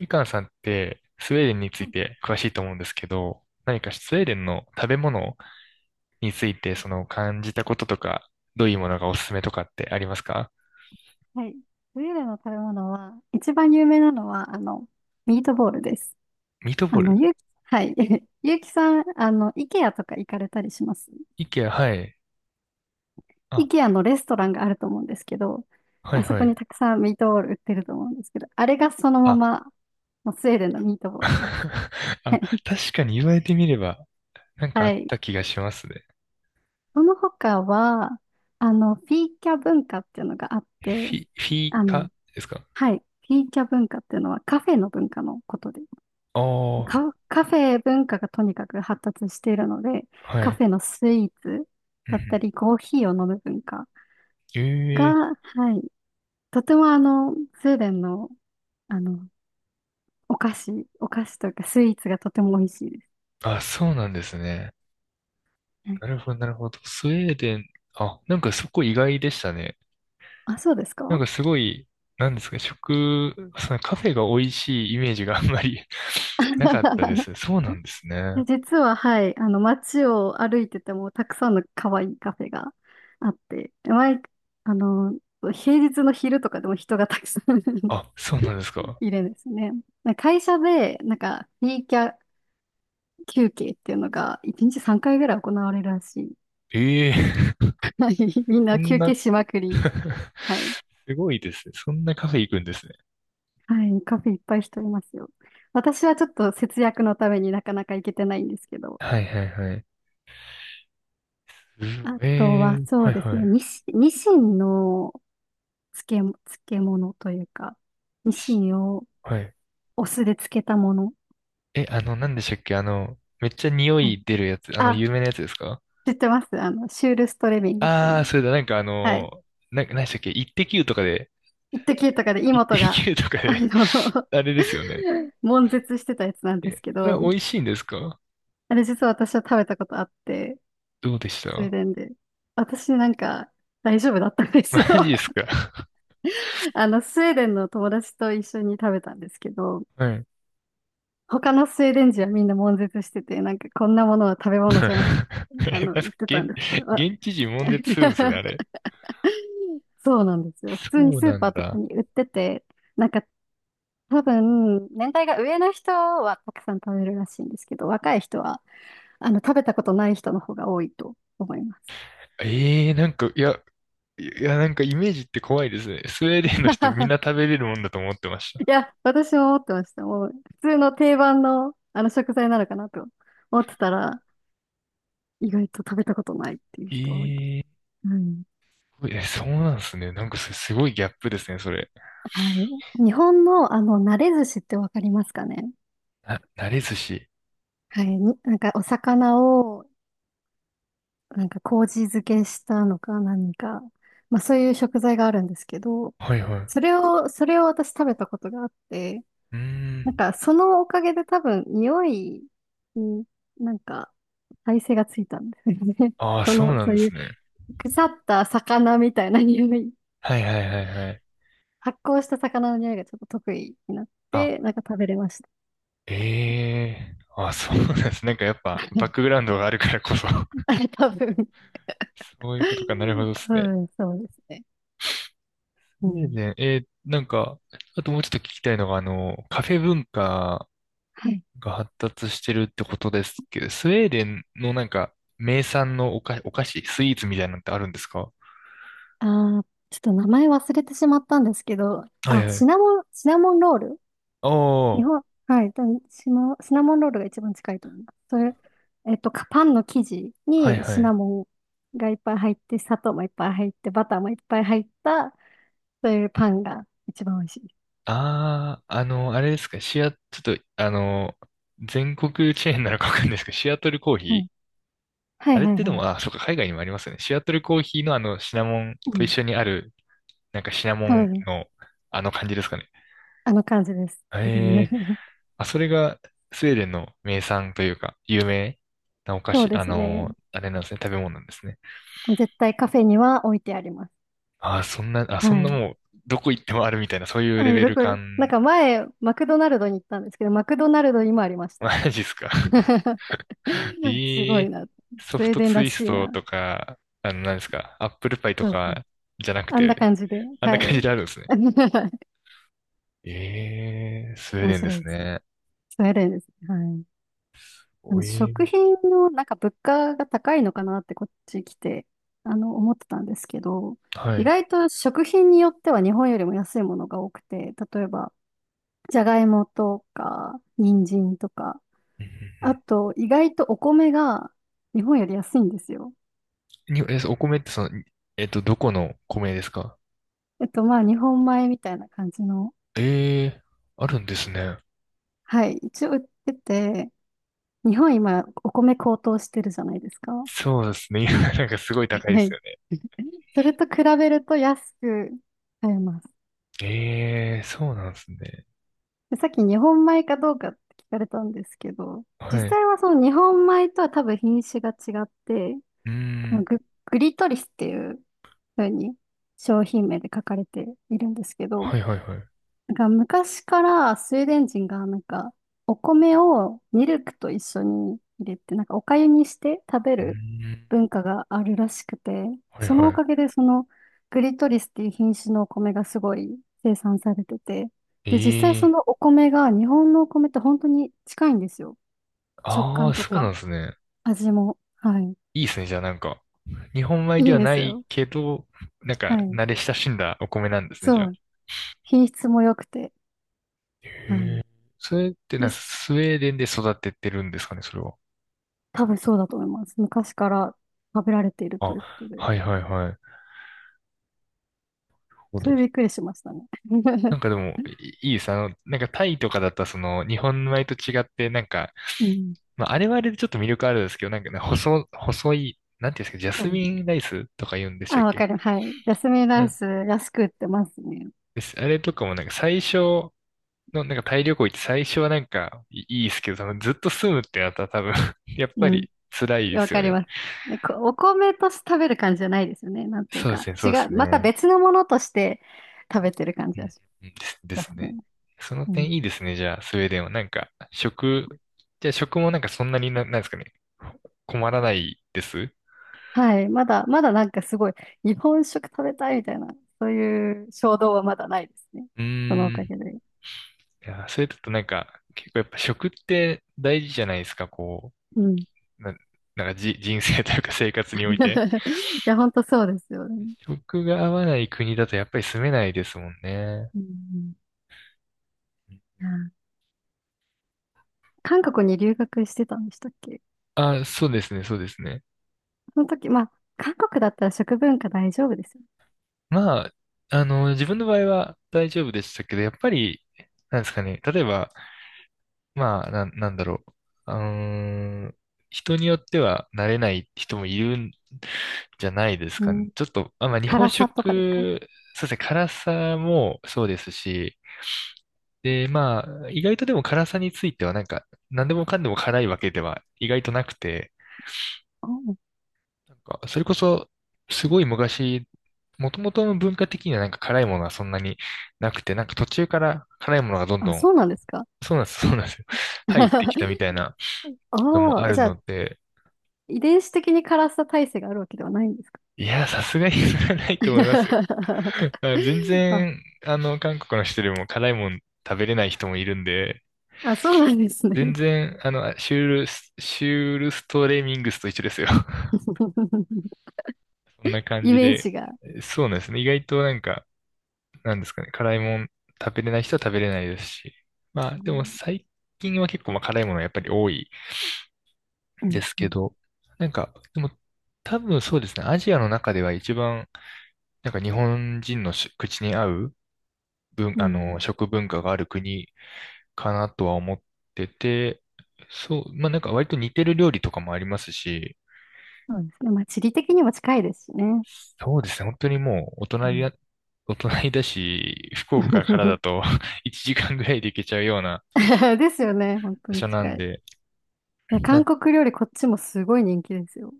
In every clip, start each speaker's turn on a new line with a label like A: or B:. A: みかんさんってスウェーデンについて詳しいと思うんですけど、何かスウェーデンの食べ物についてその感じたこととか、どういうものがおすすめとかってありますか？
B: はい。それらの食べ物は、一番有名なのは、ミートボールです。
A: ミート
B: あ
A: ボー
B: の、
A: ル。
B: ゆう、はい。ゆうきさん、イケアとか行かれたりします？
A: イケア、はい。
B: イ
A: あ、
B: ケアのレストランがあると思うんですけど、
A: はい
B: あそ
A: は
B: こに
A: い。
B: たくさんミートボール売ってると思うんですけど、あれがそのま
A: あ、
B: ま、もうスウェーデンのミート ボールです。は
A: あ、
B: い。
A: 確かに言われてみれば、なんか
B: は
A: あっ
B: い。
A: た気がしますね。
B: その他は、フィーキャ文化っていうのがあっ
A: フ
B: て、
A: ィ、フィー
B: あの、
A: カですか？
B: はい。フィーキャ文化っていうのはカフェの文化のことで、
A: ああー、
B: カフェ文化がとにかく発達しているので、
A: は
B: カ
A: い。
B: フェのスイーツ
A: うんう
B: だった
A: ん、
B: り、コーヒーを飲む文化
A: ええ、
B: が、はい、とてもスウェーデンの、あの、お菓子、お菓子というかスイーツがとても美味しいです。
A: あ、そうなんですね。
B: はい。
A: なるほど、なるほど。スウェーデン、あ、なんかそこ意外でしたね。
B: あ、そうです
A: なん
B: か？
A: かすごい、なんですか、そのカフェが美味しいイメージがあんまり なかったです。そうなんですね。
B: 実は、はい、街を歩いてても、たくさんの可愛いカフェがあって、あの、平日の昼とかでも人がたくさん
A: あ、そうなんです か。
B: いるんですね。会社で、なんか、フリーキャ、休憩っていうのが1日3回ぐらい行われるらしい。
A: ええ
B: はい。みん
A: そ
B: な
A: ん
B: 休
A: な
B: 憩しまくり。はい。
A: すごいですね。そんなカフェ行くんですね。
B: はい。カフェいっぱい人いますよ。私はちょっと節約のためになかなか行けてないんですけど。
A: はいはいはい。すご
B: あと
A: ええ
B: は
A: ー、
B: そ
A: は
B: う
A: い
B: です
A: は
B: ね。
A: い。
B: ニシンの漬け、漬物というか、ニシ
A: し
B: ンを
A: はい。
B: お酢で漬けたもの。
A: え、なんでしたっけめっちゃ匂
B: はい。
A: い出るやつ、
B: あ、
A: 有名なやつですか？
B: 知ってます、あの、シュールストレミングとい
A: ああ
B: う。
A: ー、それだ、なんか
B: はい。
A: なんでしたっけイッテ Q とかで、
B: 一ッとかで
A: イッテ
B: 妹が、
A: Q とか
B: あ
A: で
B: の、
A: あれですよね。
B: 悶絶してたやつなん
A: え、
B: です
A: え
B: けど、
A: 美味しいんですか？
B: あれ実は私は食べたことあって、
A: どうでし
B: スウェー
A: た？
B: デンで。私なんか大丈夫だったんです
A: マ
B: よ。
A: ジですか？
B: あの、スウェーデンの友達と一緒に食べたんですけど、
A: はい。
B: 他のスウェーデン人はみんな悶絶してて、なんかこんなものは食べ物じゃないって、
A: え、なん
B: 言
A: か
B: ってたん
A: 現、
B: ですけど、あ。
A: 現地人もんで するんですね、あれ。
B: そうなんですよ。普通に
A: そう
B: スー
A: な
B: パ
A: ん
B: ーとか
A: だ。
B: に売ってて、なんか多分、年代が上の人はたくさん食べるらしいんですけど、若い人は、食べたことない人の方が多いと思います。
A: ええー、なんか、いや、いや、なんかイメージって怖いですね。スウェーデンの人みん な食べれるもんだと思ってまし
B: い
A: た。
B: や、私も思ってました。もう、普通の定番の、あの食材なのかなと思ってたら、意外と食べたことないっていう
A: え
B: 人多いです。
A: え
B: うん。
A: え、そうなんですね。なんかすごいギャップですね、それ。
B: はい。日本の、あの、慣れ寿司ってわかりますかね？
A: 慣れ寿司。
B: はい。になんか、お魚を、なんか、麹漬けしたのか何か。まあ、そういう食材があるんですけど、
A: はいはい。
B: それを私食べたことがあって、
A: うー
B: な
A: ん。
B: んか、そのおかげで多分、匂いに、なんか、耐性がついたんですよね。
A: ああ、
B: そ
A: そう
B: の、
A: なん
B: そう
A: で
B: い
A: す
B: う
A: ね。
B: 腐った魚みたいな匂い。
A: はいはいはいはい。
B: 発酵した魚の匂いがちょっと得意になっ
A: あ、
B: て、なんか食べれました。
A: ええー、あ、そうなんです。なんかやっぱバックグ ラウンドがあるからこそ。
B: 多分、
A: そういうことか。なるほどで
B: 多
A: すね。
B: 分そうですね。
A: ス
B: う
A: ウェー
B: ん。
A: デン、なんか、あともうちょっと聞きたいのが、カフェ文化
B: はい。
A: が発達してるってことですけど、スウェーデンのなんか、名産のお菓子、スイーツみたいなのってあるんですか？
B: ああ、ちょっと名前忘れてしまったんですけど、
A: は
B: あ、
A: いはい。
B: シナモンロール。
A: お
B: 日
A: ー、
B: 本、はい、多分シナモンロールが一番近いと思います。それ、えっと、かパンの生地
A: はい
B: に
A: は
B: シナ
A: い。
B: モンがいっぱい入って、砂糖もいっぱい入って、バターもいっぱい入った、そういうパンが一番美味しいです。
A: あー、あれですか、ちょっと、全国チェーンなのかわかんないですけど、シアトルコーヒ
B: うん。
A: ー。
B: は
A: あ
B: い
A: れっ
B: はい
A: てで
B: はい。
A: も、あ、そうか、海外にもありますよね。シアトルコーヒーのあのシナモン
B: う
A: と一
B: ん。
A: 緒にある、なんかシナモ
B: 多
A: ン
B: 分、
A: のあの感じですかね。
B: あの感じです。
A: ええ、 あ、それがスウェーデンの名産というか、有名なお菓
B: そう
A: 子、
B: ですね。
A: あれなんですね、食べ物なんですね。
B: もう絶対カフェには置いてあります。
A: あ、そんな、あ、そん
B: は
A: な
B: い。
A: もう、どこ行ってもあるみたいな、そういうレ
B: はい、
A: ベ
B: ど
A: ル
B: こ、
A: 感、
B: なんか前、マクドナルドに行ったんですけど、マクドナルドにもありました。
A: マジっすか。
B: す
A: え
B: ごい
A: え、
B: な。
A: ソ
B: スウ
A: フ
B: ェー
A: ト
B: デン
A: ツ
B: ら
A: イス
B: しい
A: ト
B: な。
A: とか、何ですか、アップルパイと
B: そうそう。
A: かじゃなく
B: あんな
A: て、
B: 感じで。
A: あんな
B: は
A: 感じ
B: い。
A: であるんですね。ええ、スウェー
B: 面
A: デンで
B: 白い
A: す
B: です。
A: ね。
B: スウェーデンです。はい。あ
A: お
B: の
A: え
B: 食
A: ー、
B: 品のなんか物価が高いのかなってこっち来て、あの思ってたんですけど、
A: は
B: 意
A: い。
B: 外と食品によっては日本よりも安いものが多くて、例えばじゃがいもとか人参とか、
A: うんう
B: あ
A: ん、
B: と意外とお米が日本より安いんですよ。
A: うんに、え、お米ってその、どこの米ですか？
B: えっと、まあ日本米みたいな感じの、
A: ええー、あるんですね。
B: はい、一応売ってて、日本今お米高騰してるじゃないですか。は
A: そうですね。今なんかすごい高いです
B: い。
A: よね。
B: それと比べると安く買えます。
A: ええー、そうなんですね。
B: でさっき日本米かどうかって聞かれたんですけど、実
A: はい。う
B: 際はその日本米とは多分品種が違って、
A: ー
B: この
A: ん。
B: グ、グリトリスっていう風に商品名で書かれているんですけど、
A: はいはいはい。う
B: なんか昔からスウェーデン人がなんかお米をミルクと一緒に入れてなんかお粥にして食べ
A: ー
B: る
A: ん。
B: 文化があるらしくて、
A: はい
B: そのお
A: は
B: かげでそのグリトリスっていう品種のお米がすごい生産されてて、
A: い。
B: で実際
A: え
B: そ
A: え
B: の
A: ー、
B: お米が日本のお米と本当に近いんですよ。食
A: あ
B: 感
A: あ、
B: と
A: そう
B: か
A: なんですね。
B: 味も。はい。
A: いいですね。じゃあなんか、日本米で
B: いい
A: は
B: で
A: な
B: す
A: い
B: よ。
A: けど、なん
B: は
A: か、
B: い。
A: 慣れ親しんだお米なんですね、じゃ
B: そ
A: あ。
B: う。品質も良くて。は
A: へえ、
B: い。
A: それって
B: 実
A: スウェーデンで育ててるんですかね、それは。
B: 多分そうだと思います。昔から食べられていると
A: あ、
B: いうことで。
A: はいはいはい。なるほ
B: そ
A: ど。
B: れびっくりしましたね。
A: な んかでも、いいいさ、なんかタイとかだったらその、日本米と違って、なんか、
B: うん。
A: まあ、あれはあれでちょっと魅力あるんですけど、なんかね、細い、なんていうんですか、ジャ
B: そ
A: ス
B: う。
A: ミンライスとか言うんでしたっ
B: あ、わか
A: け？
B: ります。はい。ジャスミンラ
A: な
B: イ
A: ん
B: ス安く売ってますね。
A: です。あれとかもなんか最初の、なんかタイ旅行行って最初はなんかいいいですけど、そのずっと住むってなったら多分 やっぱ
B: うん。
A: り辛いで
B: わ
A: すよ
B: かり
A: ね。
B: ます。でこお米として食べる感じじゃないですよね。なんていう
A: そうで
B: か。
A: すね、そ
B: 違
A: うで
B: う。
A: す
B: また
A: ね。
B: 別のものとして食べてる感
A: う
B: じだし。ジ
A: んうん、です で
B: ャス
A: す
B: ミ
A: ね。
B: ン。
A: その
B: う
A: 点
B: ん。
A: いいですね。じゃあ、スウェーデンは。なんか、じゃあ食もなんかそんなになんですかね。困らないです。う
B: はい。まだなんかすごい、日本食食べたいみたいな、そういう衝動はまだないですね。
A: ー
B: そのおか
A: ん。
B: げで。
A: いや、それだとなんか、結構やっぱ食って大事じゃないですか。こ
B: うん。
A: う、なんか人生というか生活において。
B: いや、本当そうですよね。
A: 食が合わない国だとやっぱり住めないですもんね。
B: うん。うん。あ、韓国に留学してたんでしたっけ？
A: あ、そうですね、そうですね。
B: その時、まあ、韓国だったら食文化大丈夫ですよ。
A: まあ、自分の場合は大丈夫でしたけど、やっぱり、なんですかね、例えば、まあ、なんだろう。うーん、人によっては慣れない人もいるんじゃないです
B: う
A: かね。
B: ん。
A: ちょっと、あ、まあ、日本
B: 辛さとかですか？
A: 食、そうですね、辛さもそうですし、で、まあ、意外とでも辛さについてはなんか、何でもかんでも辛いわけでは意外となくて、
B: お。う。
A: なんか、それこそ、すごい昔、もともとの文化的にはなんか辛いものはそんなになくて、なんか途中から辛いものがどん
B: あ、
A: どん、
B: そうなんですか？
A: そうなんです、そうなんですよ。入ってきた みたいなのも
B: お
A: あ
B: ー、
A: る
B: じゃあ、
A: ので、
B: 遺伝子的に辛さ耐性があるわけではないんですか？
A: いや、さすがにそれはないと思いますよ。あ、全
B: あ。
A: 然、韓国の人でも辛いもん食べれない人もいるんで、
B: あ、そうなんです
A: 全
B: ね。
A: 然、シュールストレミングスと一緒ですよ。そんな感
B: イ
A: じ
B: メー
A: で。
B: ジが。
A: そうなんですね。意外となんか、なんですかね。辛いもん食べれない人は食べれないですし。まあ、
B: う
A: でも
B: ん。
A: 最近は結構まあ辛いものはやっぱり多い
B: うん。
A: です
B: う
A: け
B: ん。
A: ど、なんか、でも多分そうですね。アジアの中では一番、なんか日本人の口に合う文、
B: う
A: あの、
B: ん。
A: 食文化がある国かなとは思ってて、そう、まあなんか割と似てる料理とかもありますし、
B: そうですね。まあ、地理的にも近いですしね。
A: そうですね、本当にもう
B: うん。
A: お隣だし、福岡からだ と 1時間ぐらいで行けちゃうような
B: ですよね。本当
A: 場
B: に
A: 所な
B: 近
A: ん
B: い。い
A: で、
B: や、韓
A: な、
B: 国料理こっちもすごい人気ですよ。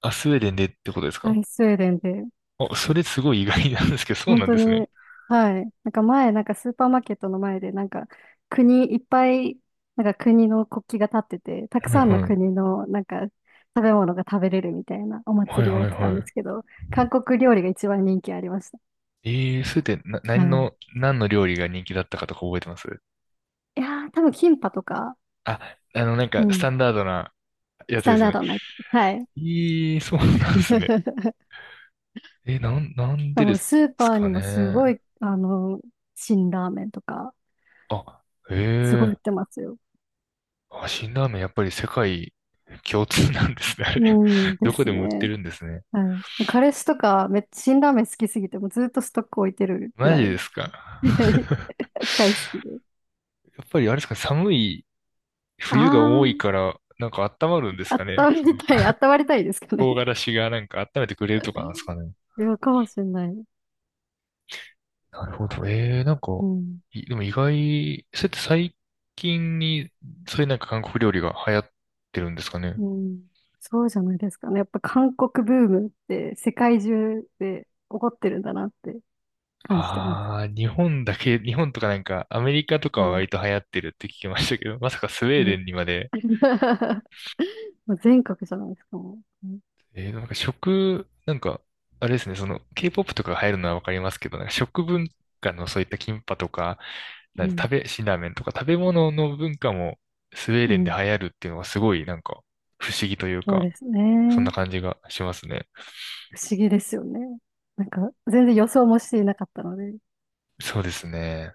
A: スウェーデンでってことです
B: は
A: か？
B: い、スウェーデンで、
A: あ、それすごい意外なんですけど、そう
B: 本
A: なん
B: 当
A: ですね。
B: に、はい、なんか前、なんかスーパーマーケットの前で、なんか国いっぱい、なんか国の国旗が立ってて、たく
A: はい
B: さんの
A: はい。
B: 国の、なんか食べ物が食べれるみたいなお
A: はい
B: 祭りをや
A: は
B: っ
A: い
B: てたん
A: は
B: で
A: い。
B: すけど、韓国料理が一番人気ありました。
A: スウェーデン、
B: は
A: 何
B: い、
A: の、何の料理が人気だったかとか覚えてます？
B: いやー、多分キンパとか、
A: あ、なん
B: う
A: か、ス
B: ん、
A: タンダードなや
B: ス
A: つ
B: タ
A: で
B: ン
A: す
B: ダー
A: ね。
B: ドなやつ。はい。
A: ええ、そう なんですね。
B: し
A: え、なん
B: か
A: でで
B: も
A: す
B: スーパー
A: か
B: にもすご
A: ね。
B: い、あの、辛ラーメンとか、
A: あ、
B: すごい
A: え
B: 売っ
A: え、
B: てますよ。
A: あ、辛ラーメンやっぱり世界共通なんですね、あ
B: う
A: れ。
B: ん、で
A: どこ
B: す
A: でも売って
B: ね。
A: るんですね。
B: はい。彼氏とか、めっちゃ辛ラーメン好きすぎて、もうずっとストック置いてるぐ
A: マ
B: ら
A: ジ
B: い。
A: ですか。
B: 大好きで。
A: やっぱりあれですかね、寒い
B: あ
A: 冬が多いから、なんか温まるんですか
B: あ、
A: ね。
B: 温まりたい、温まりたいですか
A: そ
B: ね。
A: の唐辛子がなんか温めてくれるとか なんですかね。
B: いや、かもしれない。
A: なるほど。ええ、なんか、
B: うん。
A: でも意外、そうやって最近に、そういうなんか韓国料理が流行ってるんですかね。
B: うん。そうじゃないですかね。やっぱ韓国ブームって世界中で起こってるんだなって感じてます。
A: ああ、日本とかなんか、アメリカとか
B: う
A: は
B: ん。
A: 割と流行ってるって聞きましたけど、まさかスウェーデ
B: も
A: ンにまで、
B: うん。 もう全国じゃないですか、もう。う
A: なんかなんか、あれですね、その、K-POP とかが入るのはわかりますけど、なんか食文化のそういったキンパとか、なん
B: ん。
A: 食べ、辛ラーメンとか食べ物の文化もスウェー
B: う
A: デンで流
B: ん。
A: 行るっていうのがすごいなんか不思議という
B: そう
A: か、
B: です
A: そんな
B: ね。
A: 感じがしますね。
B: 不思議ですよね。なんか、全然予想もしていなかったので。うん
A: そうですね。